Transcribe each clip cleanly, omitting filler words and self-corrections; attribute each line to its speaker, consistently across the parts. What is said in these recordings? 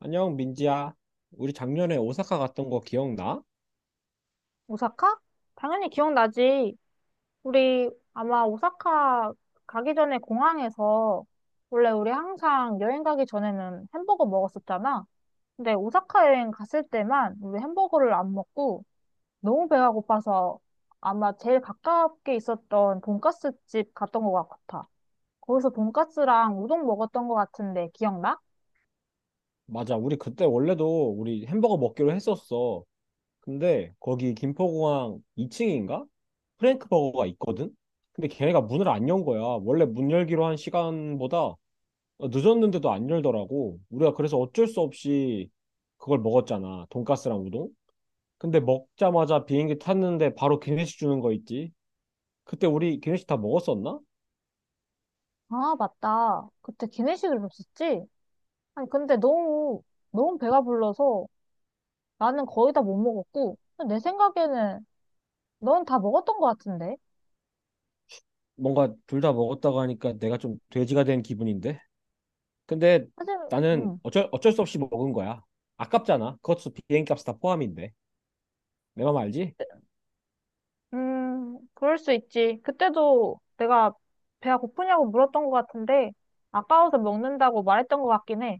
Speaker 1: 안녕, 민지야. 우리 작년에 오사카 갔던 거 기억나?
Speaker 2: 오사카? 당연히 기억나지. 우리 아마 오사카 가기 전에 공항에서 원래 우리 항상 여행 가기 전에는 햄버거 먹었었잖아. 근데 오사카 여행 갔을 때만 우리 햄버거를 안 먹고 너무 배가 고파서 아마 제일 가깝게 있었던 돈까스 집 갔던 것 같아. 거기서 돈까스랑 우동 먹었던 것 같은데 기억나?
Speaker 1: 맞아, 우리 그때 원래도 우리 햄버거 먹기로 했었어. 근데 거기 김포공항 2층인가? 프랭크 버거가 있거든? 근데 걔네가 문을 안 연 거야. 원래 문 열기로 한 시간보다 늦었는데도 안 열더라고. 우리가 그래서 어쩔 수 없이 그걸 먹었잖아. 돈가스랑 우동? 근데 먹자마자 비행기 탔는데 바로 기내식 주는 거 있지? 그때 우리 기내식 다 먹었었나?
Speaker 2: 아, 맞다. 그때 기내식을 먹었지? 아니, 근데 너무, 너무 배가 불러서 나는 거의 다 못 먹었고, 내 생각에는 넌 다 먹었던 것 같은데?
Speaker 1: 뭔가 둘 다 먹었다고 하니까 내가 좀 돼지가 된 기분인데? 근데
Speaker 2: 사실,
Speaker 1: 나는
Speaker 2: 음,
Speaker 1: 어쩔 수 없이 먹은 거야. 아깝잖아. 그것도 비행값 다 포함인데. 내 맘 알지?
Speaker 2: 그럴 수 있지. 그때도 내가 배가 고프냐고 물었던 것 같은데, 아까워서 먹는다고 말했던 것 같긴 해.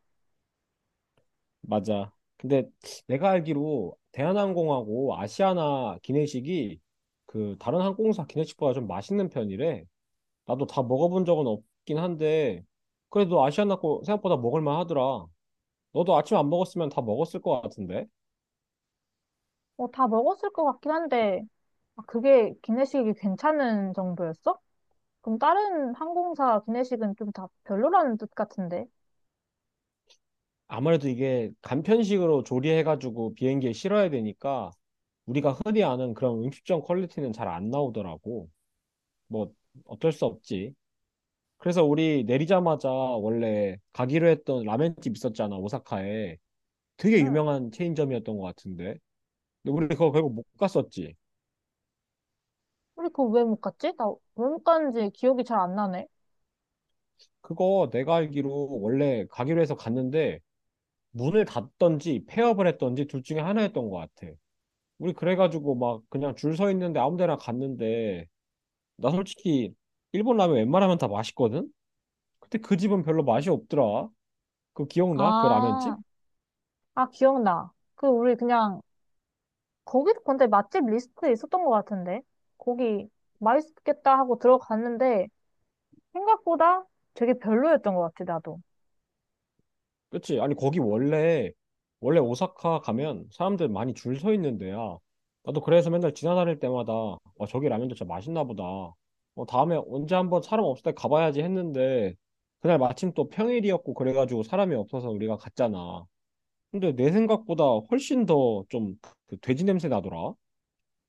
Speaker 1: 맞아. 근데 내가 알기로 대한항공하고 아시아나 기내식이 그 다른 항공사 기내식보다 좀 맛있는 편이래. 나도 다 먹어본 적은 없긴 한데 그래도 아시아나 거 생각보다 먹을만 하더라. 너도 아침 안 먹었으면 다 먹었을 것 같은데?
Speaker 2: 뭐, 다 먹었을 것 같긴 한데, 아, 그게 기내식이 괜찮은 정도였어? 그럼 다른 항공사 기내식은 좀 다 별로라는 뜻 같은데?
Speaker 1: 아무래도 이게 간편식으로 조리해가지고 비행기에 실어야 되니까 우리가 흔히 아는 그런 음식점 퀄리티는 잘 안 나오더라고. 뭐 어쩔 수 없지. 그래서 우리 내리자마자 원래 가기로 했던 라멘집 있었잖아, 오사카에. 되게
Speaker 2: 응.
Speaker 1: 유명한 체인점이었던 것 같은데. 근데 우리 그거 결국 못 갔었지.
Speaker 2: 우리 그거 왜 못 갔지? 나 왜 못 갔는지 기억이 잘 안 나네.
Speaker 1: 그거 내가 알기로 원래 가기로 해서 갔는데 문을 닫던지 폐업을 했던지 둘 중에 하나였던 것 같아. 우리 그래가지고 막 그냥 줄 서 있는데 아무 데나 갔는데 나 솔직히 일본 라면 웬만하면 다 맛있거든? 근데 그 집은 별로 맛이 없더라. 그거 기억나? 그
Speaker 2: 아,
Speaker 1: 라면집?
Speaker 2: 아, 기억나. 그, 우리 그냥 거기도 근데 맛집 리스트에 있었던 것 같은데. 거기 맛있겠다 하고 들어갔는데 생각보다 되게 별로였던 것 같아, 나도.
Speaker 1: 그치? 아니 거기 원래 오사카 가면 사람들 많이 줄 서 있는 데야. 나도 그래서 맨날 지나다닐 때마다 와 저기 라면도 진짜 맛있나 보다. 어, 다음에 언제 한번 사람 없을 때 가봐야지 했는데 그날 마침 또 평일이었고 그래가지고 사람이 없어서 우리가 갔잖아. 근데 내 생각보다 훨씬 더 좀 그 돼지 냄새 나더라.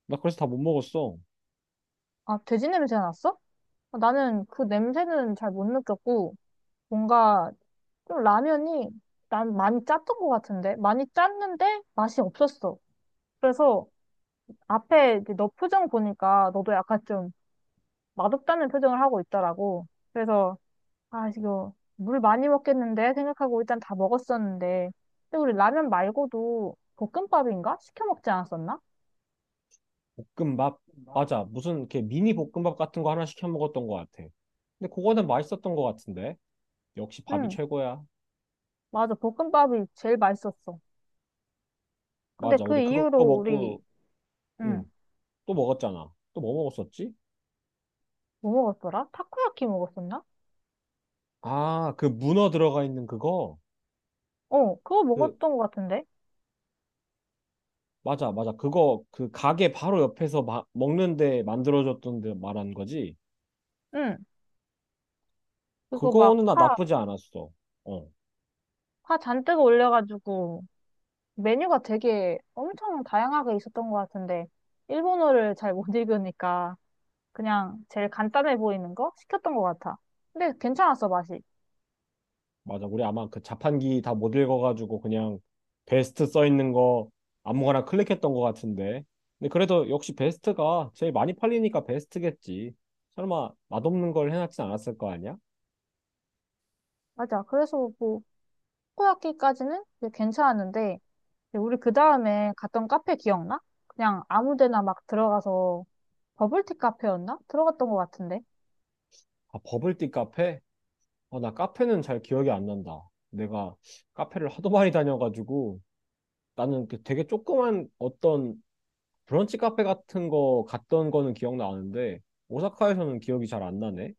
Speaker 1: 나 그래서 다 못 먹었어.
Speaker 2: 아, 돼지 냄새 났어? 아, 나는 그 냄새는 잘 못 느꼈고 뭔가 좀 라면이 난 많이 짰던 것 같은데 많이 짰는데 맛이 없었어. 그래서 앞에 이제 너 표정 보니까 너도 약간 좀 맛없다는 표정을 하고 있더라고. 그래서 아, 이거 물 많이 먹겠는데 생각하고 일단 다 먹었었는데. 근데 우리 라면 말고도 볶음밥인가? 시켜 먹지 않았었나?
Speaker 1: 볶음밥? 맞아. 무슨 이렇게 미니 볶음밥 같은 거 하나 시켜 먹었던 것 같아. 근데 그거는 맛있었던 것 같은데. 역시 밥이
Speaker 2: 응,
Speaker 1: 최고야.
Speaker 2: 맞아. 볶음밥이 제일 맛있었어. 근데
Speaker 1: 맞아.
Speaker 2: 그
Speaker 1: 우리 그거
Speaker 2: 이후로 우리,
Speaker 1: 먹고,
Speaker 2: 응,
Speaker 1: 응, 또 먹었잖아. 또 뭐 먹었었지?
Speaker 2: 뭐 먹었더라? 타코야키 먹었었나?
Speaker 1: 아, 그 문어 들어가 있는 그거?
Speaker 2: 어, 그거
Speaker 1: 그,
Speaker 2: 먹었던 것 같은데?
Speaker 1: 맞아, 맞아. 그거, 그 가게 바로 옆에서 먹는데 만들어줬던데 말한 거지?
Speaker 2: 응, 그거 막
Speaker 1: 그거는 나
Speaker 2: 파,
Speaker 1: 나쁘지 않았어. 어.
Speaker 2: 파 잔뜩 올려가지고 메뉴가 되게 엄청 다양하게 있었던 것 같은데 일본어를 잘 못 읽으니까 그냥 제일 간단해 보이는 거 시켰던 것 같아. 근데 괜찮았어, 맛이.
Speaker 1: 맞아. 우리 아마 그 자판기 다 못 읽어가지고 그냥 베스트 써 있는 거 아무거나 클릭했던 것 같은데. 근데 그래도 역시 베스트가 제일 많이 팔리니까 베스트겠지. 설마 맛없는 걸 해놨진 않았을 거 아니야?
Speaker 2: 맞아. 그래서 뭐 코야키까지는 이제 괜찮았는데 이제 우리 그 다음에 갔던 카페 기억나? 그냥 아무 데나 막 들어가서 버블티 카페였나? 들어갔던 것 같은데.
Speaker 1: 아, 버블티 카페? 어, 나 카페는 잘 기억이 안 난다. 내가 카페를 하도 많이 다녀가지고 나는 그 되게 조그만 어떤 브런치 카페 같은 거 갔던 거는 기억나는데 오사카에서는 기억이 잘 안 나네.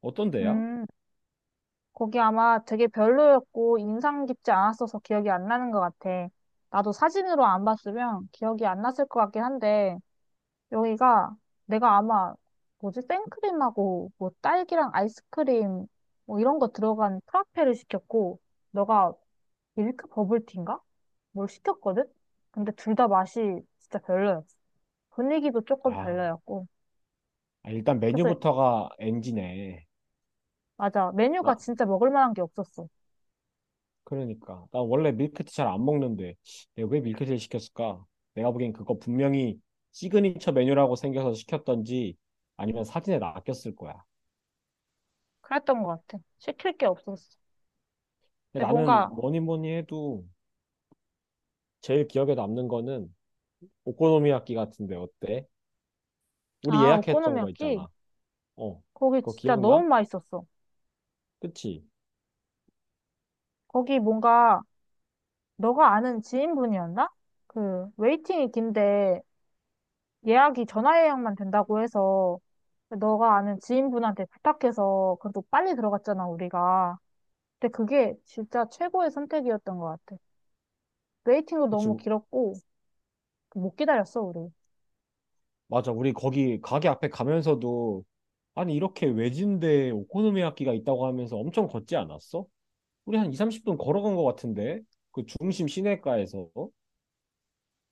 Speaker 1: 어떤 데야?
Speaker 2: 음, 거기 아마 되게 별로였고 인상 깊지 않았어서 기억이 안 나는 것 같아. 나도 사진으로 안 봤으면 기억이 안 났을 것 같긴 한데 여기가 내가 아마 뭐지? 생크림하고 뭐 딸기랑 아이스크림 뭐 이런 거 들어간 프라페를 시켰고 너가 밀크 버블티인가? 뭘 시켰거든? 근데 둘 다 맛이 진짜 별로였어. 분위기도 조금
Speaker 1: 아,
Speaker 2: 별로였고.
Speaker 1: 아, 일단
Speaker 2: 그래서,
Speaker 1: 메뉴부터가 NG네.
Speaker 2: 맞아. 메뉴가
Speaker 1: 나,
Speaker 2: 진짜 먹을 만한 게 없었어.
Speaker 1: 그러니까. 나 원래 밀크티 잘 안 먹는데, 내가 왜 밀크티를 시켰을까? 내가 보기엔 그거 분명히 시그니처 메뉴라고 생겨서 시켰던지, 아니면 사진에 낚였을 거야.
Speaker 2: 그랬던 것 같아. 시킬 게 없었어.
Speaker 1: 근데
Speaker 2: 근데
Speaker 1: 나는
Speaker 2: 뭔가,
Speaker 1: 뭐니 뭐니 해도 제일 기억에 남는 거는 오코노미야끼 같은데 어때? 우리
Speaker 2: 아,
Speaker 1: 예약했던 거
Speaker 2: 오코노미야키?
Speaker 1: 있잖아. 어,
Speaker 2: 거기
Speaker 1: 그거
Speaker 2: 진짜 너무
Speaker 1: 기억나?
Speaker 2: 맛있었어.
Speaker 1: 그치?
Speaker 2: 거기 뭔가, 너가 아는 지인분이었나? 그, 웨이팅이 긴데, 예약이 전화 예약만 된다고 해서, 너가 아는 지인분한테 부탁해서, 그래도 빨리 들어갔잖아, 우리가. 근데 그게 진짜 최고의 선택이었던 것 같아. 웨이팅도
Speaker 1: 그치?
Speaker 2: 너무 길었고, 못 기다렸어, 우리.
Speaker 1: 맞아. 우리 거기 가게 앞에 가면서도 아니 이렇게 외진데 오코노미야끼가 있다고 하면서 엄청 걷지 않았어? 우리 한 2, 30분 걸어간 것 같은데? 그 중심 시내가에서.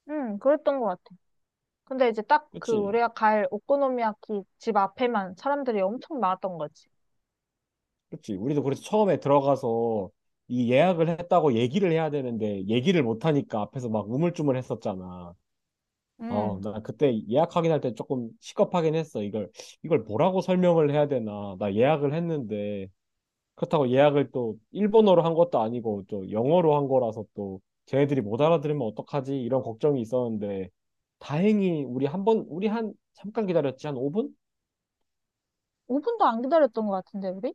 Speaker 2: 응, 그랬던 것 같아. 근데 이제 딱 그
Speaker 1: 그치?
Speaker 2: 우리가 갈 오코노미야키 집 앞에만 사람들이 엄청 많았던 거지.
Speaker 1: 그치? 우리도 그래서 처음에 들어가서 이 예약을 했다고 얘기를 해야 되는데 얘기를 못하니까 앞에서 막 우물쭈물 했었잖아. 어,
Speaker 2: 응.
Speaker 1: 나 그때 예약 확인할 때 조금 시겁하긴 했어. 이걸 뭐라고 설명을 해야 되나. 나 예약을 했는데 그렇다고 예약을 또 일본어로 한 것도 아니고 또 영어로 한 거라서 또 쟤네들이 못 알아들으면 어떡하지? 이런 걱정이 있었는데 다행히 우리 한 잠깐 기다렸지. 한 5분?
Speaker 2: 5분도 안 기다렸던 것 같은데, 우리?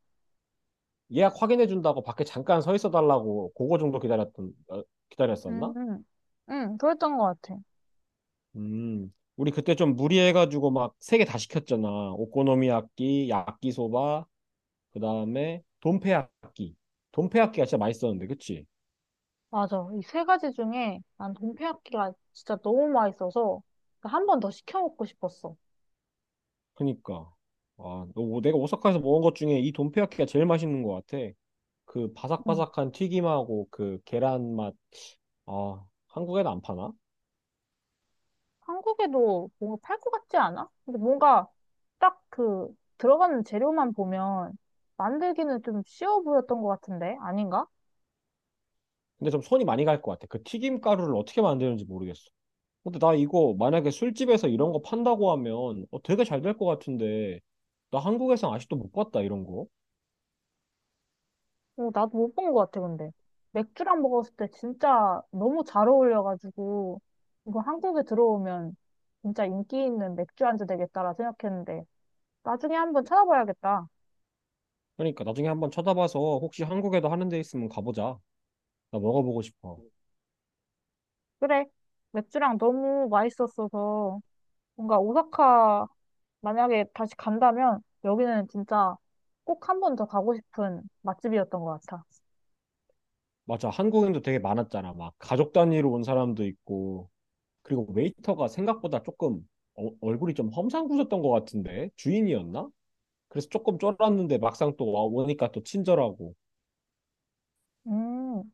Speaker 1: 예약 확인해 준다고 밖에 잠깐 서 있어 달라고 그거 정도 기다렸던 어,
Speaker 2: 응,
Speaker 1: 기다렸었나?
Speaker 2: 응. 응, 그랬던 것 같아.
Speaker 1: 음. 우리 그때 좀 무리해 가지고 막 세 개 다 시켰잖아. 오코노미야끼, 야끼소바, 그다음에 돈페야끼. 돈페야끼가 진짜 맛있었는데. 그치?
Speaker 2: 맞아. 이 세 가지 중에 난 동태야끼가 진짜 너무 맛있어서 한 번 더 시켜 먹고 싶었어.
Speaker 1: 그니까. 아, 너, 뭐 내가 오사카에서 먹은 것 중에 이 돈페야끼가 제일 맛있는 것 같아. 그 바삭바삭한 튀김하고 그 계란 맛. 아, 한국에는 안 파나?
Speaker 2: 한국에도 뭔가 팔 것 같지 않아? 근데 뭔가 딱 그 들어가는 재료만 보면 만들기는 좀 쉬워 보였던 것 같은데 아닌가?
Speaker 1: 근데 좀 손이 많이 갈 것 같아. 그 튀김 가루를 어떻게 만드는지 모르겠어. 근데 나 이거 만약에 술집에서 이런 거 판다고 하면 어, 되게 잘 될 것 같은데 나 한국에선 아직도 못 봤다 이런 거.
Speaker 2: 어, 나도 못 본 것 같아 근데 맥주랑 먹었을 때 진짜 너무 잘 어울려가지고 이거 한국에 들어오면 진짜 인기 있는 맥주 안주 되겠다라 생각했는데 나중에 한번 찾아봐야겠다.
Speaker 1: 그러니까 나중에 한번 찾아봐서 혹시 한국에도 하는 데 있으면 가보자. 나 먹어보고 싶어.
Speaker 2: 그래 맥주랑 너무 맛있었어서 뭔가 오사카 만약에 다시 간다면 여기는 진짜 꼭 한 번 더 가고 싶은 맛집이었던 것 같아.
Speaker 1: 맞아 한국인도 되게 많았잖아. 막 가족 단위로 온 사람도 있고 그리고 웨이터가 생각보다 조금 얼굴이 좀 험상궂었던 것 같은데 주인이었나? 그래서 조금 쫄았는데 막상 또 오니까 또 친절하고
Speaker 2: 음,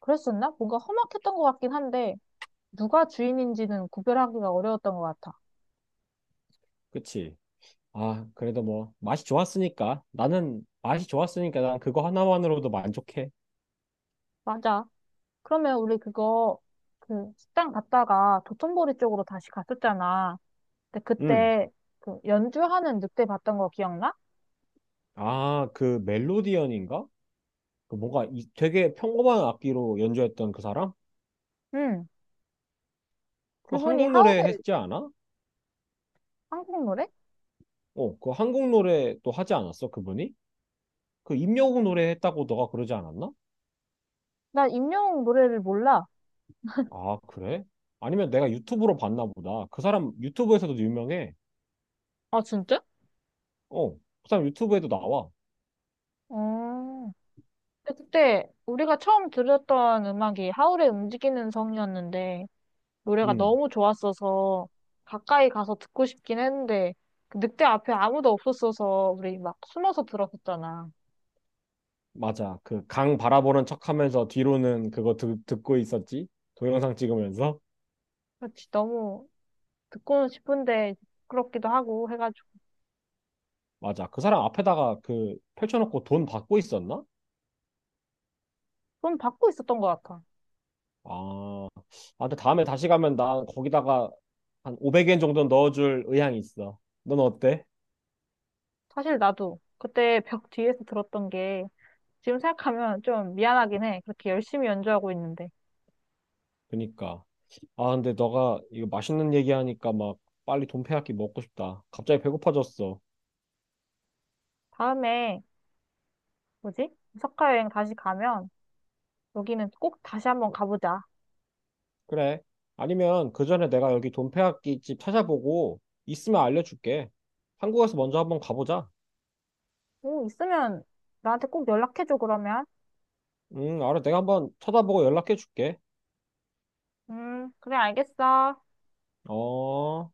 Speaker 2: 그랬었나? 뭔가 험악했던 것 같긴 한데 누가 주인인지는 구별하기가 어려웠던 것 같아.
Speaker 1: 그치? 아, 그래도 뭐 맛이 좋았으니까 나는 맛이 좋았으니까 난 그거 하나만으로도 만족해.
Speaker 2: 맞아. 그러면 우리 그거 그 식당 갔다가 도톤보리 쪽으로 다시 갔었잖아. 근데
Speaker 1: 음.
Speaker 2: 그때 그 연주하는 늑대 봤던 거 기억나?
Speaker 1: 아, 그 멜로디언인가? 그 뭔가 이, 되게 평범한 악기로 연주했던 그 사람?
Speaker 2: 응.
Speaker 1: 그거
Speaker 2: 그분이
Speaker 1: 한국 노래
Speaker 2: 하울의
Speaker 1: 했지 않아?
Speaker 2: 한국 노래?
Speaker 1: 어, 그 한국 노래도 하지 않았어, 그분이? 그 임영웅 노래 했다고 너가 그러지 않았나?
Speaker 2: 나 임영웅 노래를 몰라.
Speaker 1: 아, 그래? 아니면 내가 유튜브로 봤나 보다. 그 사람 유튜브에서도 유명해.
Speaker 2: 아, 진짜?
Speaker 1: 어, 그 사람 유튜브에도 나와.
Speaker 2: 어. 근데 그때 우리가 처음 들었던 음악이 하울의 움직이는 성이었는데 노래가
Speaker 1: 음.
Speaker 2: 너무 좋았어서 가까이 가서 듣고 싶긴 했는데 그 늑대 앞에 아무도 없었어서 우리 막 숨어서 들었었잖아.
Speaker 1: 맞아. 그 강 바라보는 척하면서 뒤로는 그거 듣고 있었지? 동영상 찍으면서?
Speaker 2: 그렇지 너무 듣고는 싶은데 부끄럽기도 하고 해가지고
Speaker 1: 맞아. 그 사람 앞에다가 그 펼쳐놓고 돈 받고 있었나?
Speaker 2: 좀 받고 있었던 것 같아.
Speaker 1: 아, 아 근데 다음에 다시 가면 난 거기다가 한 500엔 정도 넣어줄 의향이 있어. 넌 어때?
Speaker 2: 사실 나도 그때 벽 뒤에서 들었던 게 지금 생각하면 좀 미안하긴 해. 그렇게 열심히 연주하고 있는데
Speaker 1: 그니까. 아, 근데 너가 이거 맛있는 얘기하니까 막 빨리 돈페야끼 먹고 싶다. 갑자기 배고파졌어.
Speaker 2: 다음에 뭐지? 오사카 여행 다시 가면 여기는 꼭 다시 한번 가보자.
Speaker 1: 그래. 아니면 그 전에 내가 여기 돈페야끼 집 찾아보고 있으면 알려줄게. 한국에서 먼저 한번 가보자.
Speaker 2: 오, 있으면 나한테 꼭 연락해줘, 그러면.
Speaker 1: 알아. 내가 한번 찾아보고 연락해 줄게.
Speaker 2: 그래, 알겠어.
Speaker 1: 어.